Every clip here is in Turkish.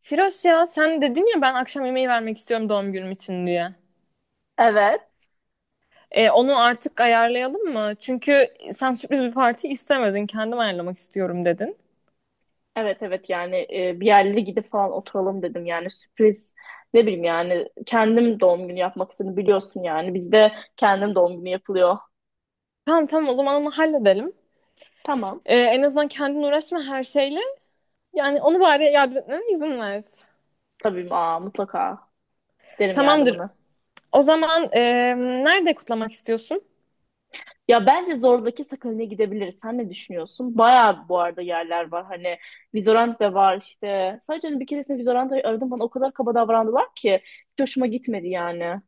Firoz, ya sen dedin ya, ben akşam yemeği vermek istiyorum doğum günüm için diye. Evet. Onu artık ayarlayalım mı? Çünkü sen sürpriz bir parti istemedin. Kendim ayarlamak istiyorum dedin. Evet evet yani bir yerlere gidip falan oturalım dedim yani sürpriz ne bileyim yani kendim doğum günü yapmak istedim biliyorsun yani bizde kendim doğum günü yapılıyor. Tamam tamam, o zaman onu halledelim. Tamam En azından kendin uğraşma her şeyle. Yani onu bari yardım etmene izin ver. tabii aa, mutlaka isterim Tamamdır. yardımını. O zaman nerede kutlamak istiyorsun? Ya bence Zorlu'daki Sakalin'e gidebiliriz. Sen ne düşünüyorsun? Bayağı bu arada yerler var. Hani Vizorant da var işte. Sadece hani bir keresinde Vizorant'ı aradım bana o kadar kaba davrandılar ki hiç hoşuma gitmedi yani.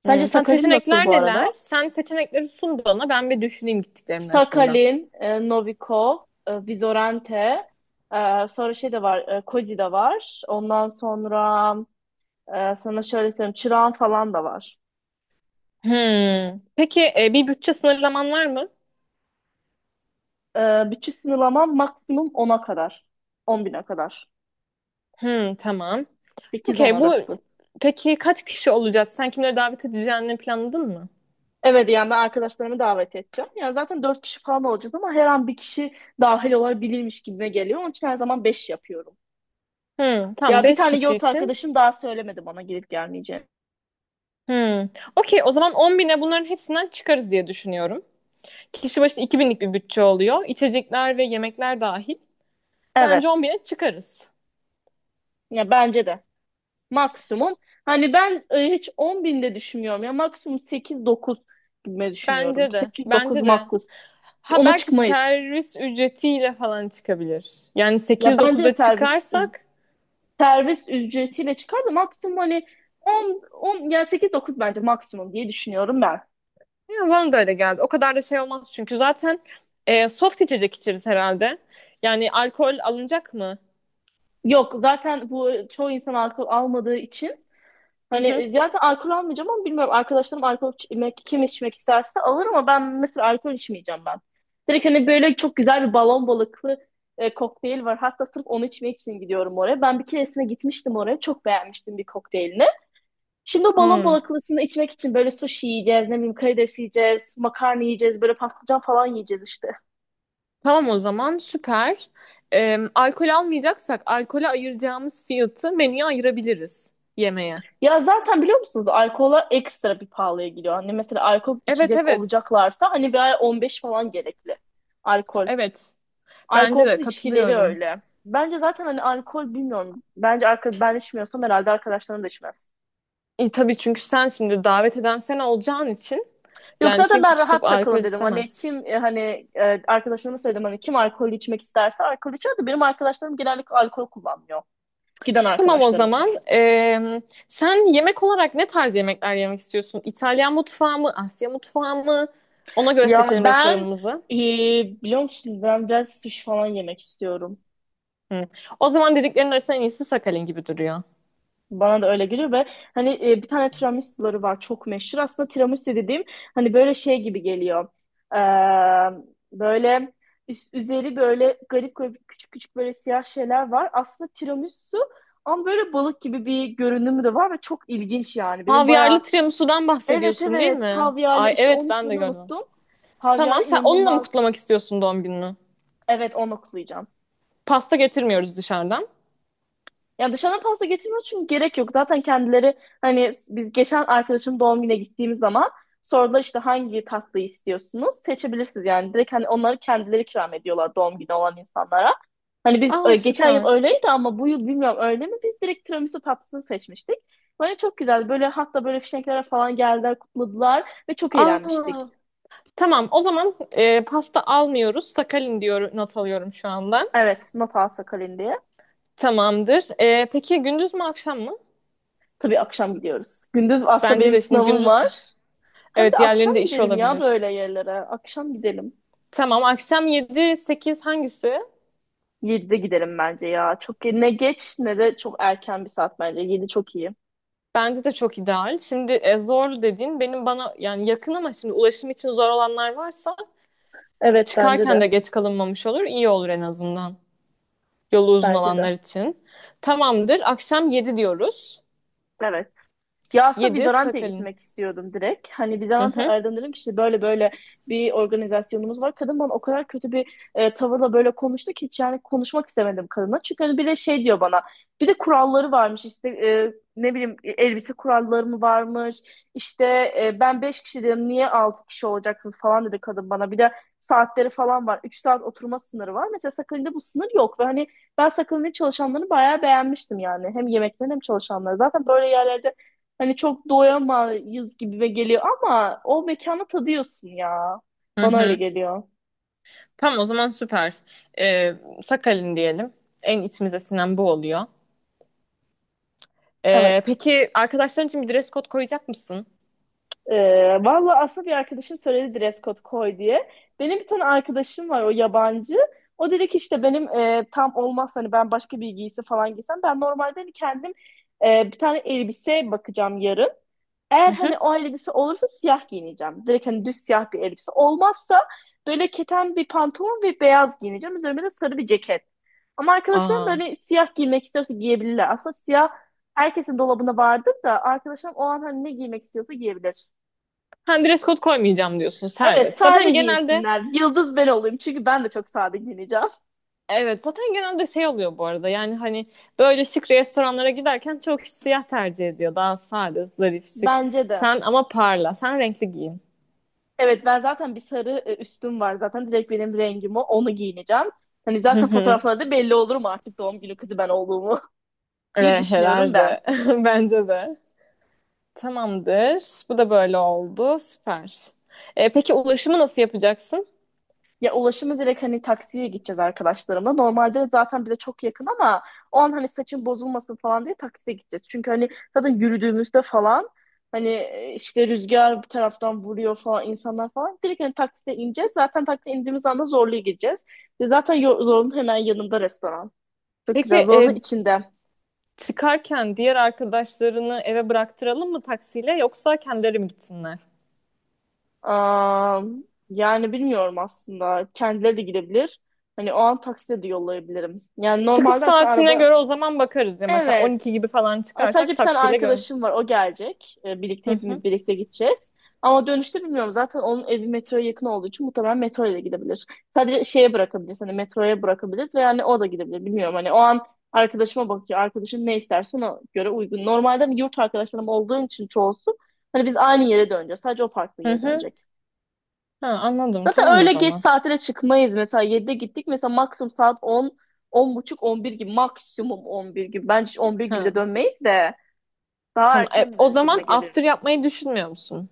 Sence Hmm, tam Sakalin nasıl seçenekler bu neler? arada? Sen seçenekleri sun bana. Ben bir düşüneyim gittiklerimin arasından. Sakalin, Novikov, Vizorente, sonra şey de var, Cody de var. Ondan sonra sana şöyle söyleyeyim, Çırağan falan da var. Hmm. Peki bir bütçe sınırlaman var mı? E, Bütün sınırlaman maksimum ona kadar. 10 bine kadar. Hmm, tamam. Sekiz 10 Okey, bu arası. peki, kaç kişi olacağız? Sen kimleri davet edeceğini planladın mı? Evet yani ben arkadaşlarımı davet edeceğim. Yani zaten 4 kişi falan olacağız ama her an bir kişi dahil olabilirmiş gibime geliyor. Onun için her zaman 5 yapıyorum. Hmm, tamam, Ya bir 5 tane kişi yurt için. arkadaşım daha söylemedi bana gelip gelmeyeceğini. Hmm. Okey, o zaman 10 bine bunların hepsinden çıkarız diye düşünüyorum. Kişi başı 2 binlik bir bütçe oluyor. İçecekler ve yemekler dahil. Bence 10 Evet. bine çıkarız. Ya bence de. Maksimum. Hani ben hiç 10 binde düşünmüyorum ya. Maksimum 8-9 gibi düşünüyorum. Bence de. 8-9 Bence de. makul. Ha, Ona belki çıkmayız. servis ücretiyle falan çıkabilir. Yani Ya sekiz bence de dokuz'a servis çıkarsak servis ücretiyle çıkar da maksimum hani 10, 10 yani 8-9 bence maksimum diye düşünüyorum ben. ya, bana da öyle geldi. O kadar da şey olmaz çünkü zaten soft içecek içeriz herhalde. Yani alkol alınacak mı? Yok zaten bu çoğu insan alkol almadığı için. Hı Hani hı. Zaten alkol almayacağım ama bilmiyorum arkadaşlarım alkol içmek, kim içmek isterse alır ama ben mesela alkol içmeyeceğim ben. Direkt hani böyle çok güzel bir balon balıklı kokteyl var. Hatta sırf onu içmek için gidiyorum oraya. Ben bir keresine gitmiştim oraya. Çok beğenmiştim bir kokteylini. Şimdi o balon Hmm. balaklısını içmek için böyle sushi yiyeceğiz, ne bileyim karides yiyeceğiz, makarna yiyeceğiz, böyle patlıcan falan yiyeceğiz işte. Tamam o zaman, süper. Alkol almayacaksak alkole ayıracağımız fiyatı menüye ayırabiliriz yemeğe. Ya zaten biliyor musunuz alkola ekstra bir pahalıya gidiyor. Hani mesela alkol Evet içecek evet. olacaklarsa hani bir ay 15 falan gerekli alkol. Evet. Bence Alkolsüz de, içkileri katılıyorum. öyle. Bence zaten hani alkol bilmiyorum. Bence alkol ben içmiyorsam herhalde arkadaşlarım da içmez. E, tabii, çünkü sen şimdi davet eden sen olacağın için Yok yani zaten kimse ben tutup rahat alkol takılın dedim. Hani istemez. kim hani arkadaşlarıma söyledim hani kim alkol içmek isterse alkol içer de benim arkadaşlarım genellikle alkol kullanmıyor. Giden Tamam o arkadaşlarım. zaman. Sen yemek olarak ne tarz yemekler yemek istiyorsun? İtalyan mutfağı mı? Asya mutfağı mı? Ona göre Ya seçelim ben restoranımızı. e, biliyor musun ben biraz sushi falan yemek istiyorum. Hı. O zaman dediklerin arasında en iyisi Sakalin gibi duruyor. Bana da öyle geliyor ve hani bir tane tiramisuları var çok meşhur. Aslında tiramisu dediğim hani böyle şey gibi geliyor. Ee, Böyle üzeri böyle garip garip küçük küçük böyle siyah şeyler var. Aslında tiramisu ama böyle balık gibi bir görünümü de var ve çok ilginç yani. Benim bayağı. Havyarlı tiramisu'dan Evet bahsediyorsun değil evet mi? Havyar'la Ay işte evet, onun ben de ismini gördüm. unuttum. Havyar Tamam, sen onunla mı inanılmaz. kutlamak istiyorsun doğum gününü? Evet onu okuyacağım. Pasta getirmiyoruz dışarıdan. Yani dışarıdan pasta getirmiyor çünkü gerek yok. Zaten kendileri hani biz geçen arkadaşım doğum gününe gittiğimiz zaman sordular işte hangi tatlıyı istiyorsunuz? Seçebilirsiniz yani. Direkt hani onları kendileri ikram ediyorlar doğum günü olan insanlara. Hani biz Aa, geçen yıl süper. öyleydi ama bu yıl bilmiyorum öyle mi? Biz direkt tiramisu tatlısını seçmiştik. Böyle çok güzel. Böyle hatta böyle fişeklere falan geldiler, kutladılar ve çok eğlenmiştik. Aa, tamam, o zaman pasta almıyoruz. Sakalin diyor, not alıyorum şu anda. Evet, not alsa kalın diye. Tamamdır. Peki, gündüz mü akşam mı? Tabii akşam gidiyoruz. Gündüz aslında Bence benim de şimdi sınavım gündüz, var. Hem evet, de akşam diğerlerinde işi gidelim ya olabilir. böyle yerlere. Akşam gidelim. Tamam, akşam yedi sekiz hangisi? 7'de gidelim bence ya. Çok ne geç ne de çok erken bir saat bence. 7 çok iyi. Bence de çok ideal. Şimdi zorlu dediğin benim bana yani yakın ama şimdi ulaşım için zor olanlar varsa Evet bence çıkarken de de. geç kalınmamış olur. İyi olur en azından. Yolu uzun Bence de. olanlar için. Tamamdır. Akşam 7 diyoruz. Evet. Ya aslında Yedi Bizante'ye Sakalin. gitmek istiyordum direkt. Hani Hı Bizante hı. aradım dedim ki işte böyle böyle bir organizasyonumuz var. Kadın bana o kadar kötü bir tavırla böyle konuştu ki hiç yani konuşmak istemedim kadına. Çünkü hani bir de şey diyor bana bir de kuralları varmış işte ne bileyim elbise kuralları mı varmış. İşte ben 5 kişi dedim niye 6 kişi olacaksınız falan dedi kadın bana. Bir de saatleri falan var. 3 saat oturma sınırı var. Mesela Sakın'da bu sınır yok ve hani ben Sakın'ın çalışanlarını bayağı beğenmiştim yani. Hem yemeklerini hem çalışanları. Zaten böyle yerlerde hani çok doyamayız gibime geliyor ama o mekanı tadıyorsun ya. Hı Bana öyle hı. geliyor. Tamam o zaman, süper. Ee, Sakalin diyelim. En içimize sinen bu oluyor. Evet. Peki, arkadaşların için bir dress code koyacak mısın? Valla aslında bir arkadaşım söyledi dress code koy diye. Benim bir tane arkadaşım var o yabancı. O dedi ki işte benim tam olmaz hani ben başka bir giysi falan giysem. Ben normalde hani kendim bir tane elbise bakacağım yarın. Hı Eğer hı. hani o elbise olursa siyah giyineceğim. Direkt hani düz siyah bir elbise. Olmazsa böyle keten bir pantolon ve beyaz giyineceğim. Üzerime de sarı bir ceket. Ama arkadaşlarım da Aa. hani siyah giymek istiyorsa giyebilirler. Aslında siyah herkesin dolabında vardır da arkadaşlarım o an hani ne giymek istiyorsa giyebilir. Ha, dress code koymayacağım diyorsun, Evet, serbest. sade Zaten genelde giyinsinler. Yıldız ben olayım çünkü ben de çok sade giyineceğim. evet, zaten genelde şey oluyor bu arada, yani hani böyle şık restoranlara giderken çok kişi siyah tercih ediyor, daha sade, zarif, şık. Bence de. Sen ama parla, sen renkli giyin. Evet ben zaten bir sarı üstüm var zaten direkt benim rengim o onu giyineceğim. Hani Hı zaten hı. fotoğraflarda belli olurum artık doğum günü kızı ben olduğumu diye düşünüyorum Herhalde ben. bence de tamamdır, bu da böyle oldu, süper. Peki, ulaşımı nasıl yapacaksın? Ya ulaşımı direkt hani taksiye gideceğiz arkadaşlarımla. Normalde zaten bize çok yakın ama o an hani saçın bozulmasın falan diye taksiye gideceğiz. Çünkü hani zaten yürüdüğümüzde falan hani işte rüzgar bir taraftan vuruyor falan insanlar falan. Direkt hani taksiye ineceğiz. Zaten taksiye indiğimiz anda Zorlu'ya gideceğiz. Ve zaten Zorlu'nun hemen yanında restoran. Çok Peki güzel. Zorlu'nun içinde. çıkarken diğer arkadaşlarını eve bıraktıralım mı taksiyle, yoksa kendileri mi gitsinler? Aa, yani bilmiyorum aslında. Kendileri de gidebilir. Hani o an taksiye de yollayabilirim. Yani Çıkış normalde aslında saatine araba. göre o zaman bakarız ya, mesela Evet. 12 gibi falan Aa, sadece çıkarsak bir tane taksiyle gö. arkadaşım var. O gelecek. Hı Birlikte hı. hepimiz birlikte gideceğiz. Ama dönüşte bilmiyorum. Zaten onun evi metroya yakın olduğu için muhtemelen metro ile gidebilir. Sadece şeye bırakabiliriz. Hani metroya bırakabiliriz ve yani o da gidebilir. Bilmiyorum hani o an arkadaşıma bakıyor. Arkadaşım ne isterse ona göre uygun. Normalde hani yurt arkadaşlarım olduğu için çoğusu hani biz aynı yere döneceğiz. Sadece o farklı Hı yere hı. dönecek. Ha, anladım. Zaten Tamam o öyle geç zaman. saatlere çıkmayız. Mesela 7'de gittik. Mesela maksimum saat 10, 10.30, 11 gibi. Maksimum 11 gibi. Bence 11 gibi Ha, de dönmeyiz de. Daha tamam. Erken O döneriz zaman gibime geliyor. after yapmayı düşünmüyor musun?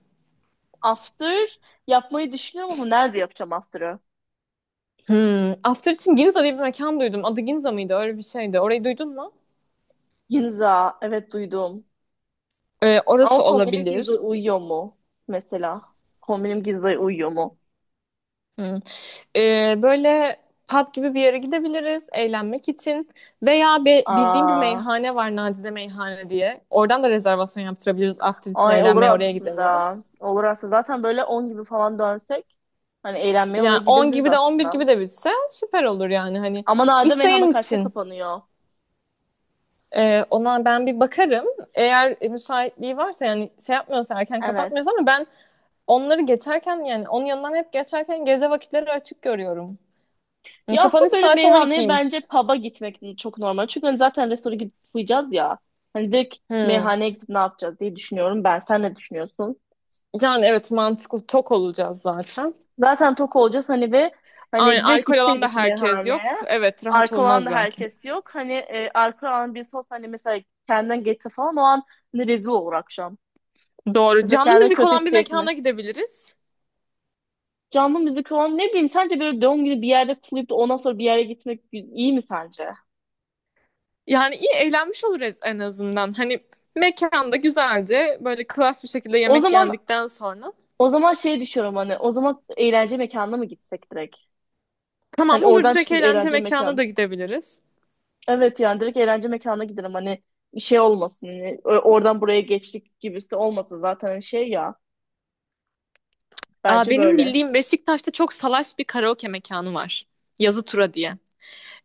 After yapmayı düşünüyorum ama nerede yapacağım after'ı? Hmm. After için Ginza diye bir mekan duydum. Adı Ginza mıydı? Öyle bir şeydi. Orayı duydun mu? Ginza, evet duydum. Ama Orası kombinim Ginza olabilir. uyuyor mu? Mesela. Kombinim Ginza'ya uyuyor mu? Hmm. Böyle pub gibi bir yere gidebiliriz eğlenmek için. Veya bildiğim bir Aa, meyhane var, Nadide Meyhane diye. Oradan da rezervasyon yaptırabiliriz. After için ay olur eğlenmeye oraya aslında. gidebiliriz. Olur aslında. Zaten böyle 10 gibi falan dönsek hani eğlenmeye oraya Yani 10 gidebiliriz gibi de 11 gibi aslında. de bitse süper olur yani. Hani Ama Nade isteyen meyhana karşıda için. kapanıyor. Ona ben bir bakarım. Eğer müsaitliği varsa, yani şey yapmıyorsa, erken Evet. kapatmıyorsa, ama ben onları geçerken, yani onun yanından hep geçerken gece vakitleri açık görüyorum. Yani Ya kapanış aslında böyle saati meyhaneye bence 12'ymiş. pub'a gitmek çok normal. Çünkü hani zaten restorana gidip uyuyacağız ya. Hani direkt Hmm. meyhaneye gidip ne yapacağız diye düşünüyorum ben. Sen ne düşünüyorsun? Yani evet, mantıklı, tok olacağız zaten. Zaten tok olacağız hani ve Aynen, hani direkt alkol alan da gitseydik herkes yok. meyhaneye. Evet, rahat Arka olan olmaz da belki. herkes yok. Hani arka olan birisi olsa hani mesela kendinden geçse falan o an hani rezil olur akşam. Doğru. Mesela Canlı kendini müzik kötü olan bir hissetme. mekana gidebiliriz. Canlı müzik olan ne bileyim sence böyle doğum günü bir yerde kutlayıp da ondan sonra bir yere gitmek iyi mi sence? Yani iyi eğlenmiş oluruz en azından. Hani mekanda güzelce böyle klas bir şekilde O yemek zaman yendikten sonra O zaman şey düşünüyorum hani o zaman eğlence mekanına mı gitsek direkt? tamam, Hani olur, oradan direkt çıkıp eğlence eğlence mekanına mekan. da gidebiliriz. Evet yani direkt eğlence mekanına gidelim hani bir şey olmasın. Hani, oradan buraya geçtik gibisi de olmasın zaten hani şey ya. Aa, Bence benim böyle. bildiğim Beşiktaş'ta çok salaş bir karaoke mekanı var. Yazı Tura diye.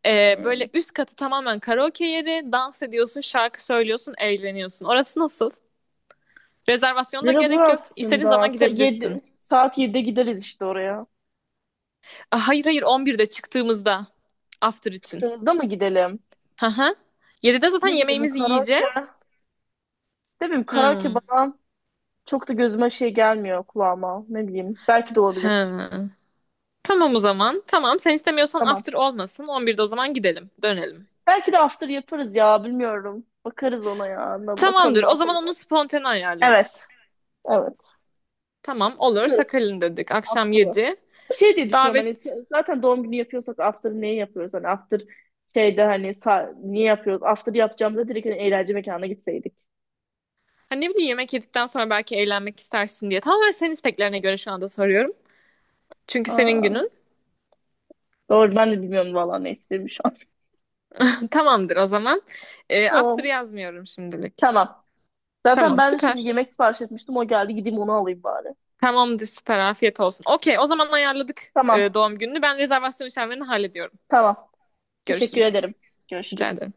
Böyle Hmm. üst katı tamamen karaoke yeri. Dans ediyorsun, şarkı söylüyorsun, eğleniyorsun. Orası nasıl? Rezervasyona da Lira bu gerek yok. İstediğin aslında. zaman gidebilirsin. Yedi, saat yedi'de gideriz işte oraya. Aa, hayır hayır, 11'de çıktığımızda. After için. Çıktığımızda mı gidelim? Hı hı. 7'de zaten Ne bileyim yemeğimizi karaoke. yiyeceğiz. Ne bileyim karaoke Hmm. bana çok da gözüme şey gelmiyor kulağıma. Ne bileyim belki de olabilir. Hı. Tamam o zaman. Tamam, sen istemiyorsan Tamam. after olmasın. 11'de o zaman gidelim. Dönelim. Belki de after yaparız ya bilmiyorum. Bakarız ona ya. Bakalım Tamamdır. ne O zaman yapalım. onu spontane ayarlarız. Evet. Evet. Tamam, olur. Kız. Sakalin dedik. Akşam After'ı. 7. Şey diye düşünüyorum hani Davet. Zaten doğum günü yapıyorsak after niye yapıyoruz? Hani after şeyde hani niye yapıyoruz? After yapacağımızda direkt hani eğlence mekanına gitseydik. Hani ne bileyim, yemek yedikten sonra belki eğlenmek istersin diye. Tamamen senin isteklerine göre şu anda soruyorum. Çünkü senin Aa, günün. doğru ben de bilmiyorum vallahi ne istediğimi şu an. Tamamdır o zaman. After Tamam. yazmıyorum şimdilik. Tamam. Zaten Tamam, ben şimdi süper. yemek sipariş etmiştim. O geldi gideyim onu alayım bari. Tamamdır, süper. Afiyet olsun. Okey, o zaman ayarladık Tamam. doğum gününü. Ben rezervasyon işlemlerini hallediyorum. Tamam. Teşekkür Görüşürüz. ederim. Rica Görüşürüz. ederim.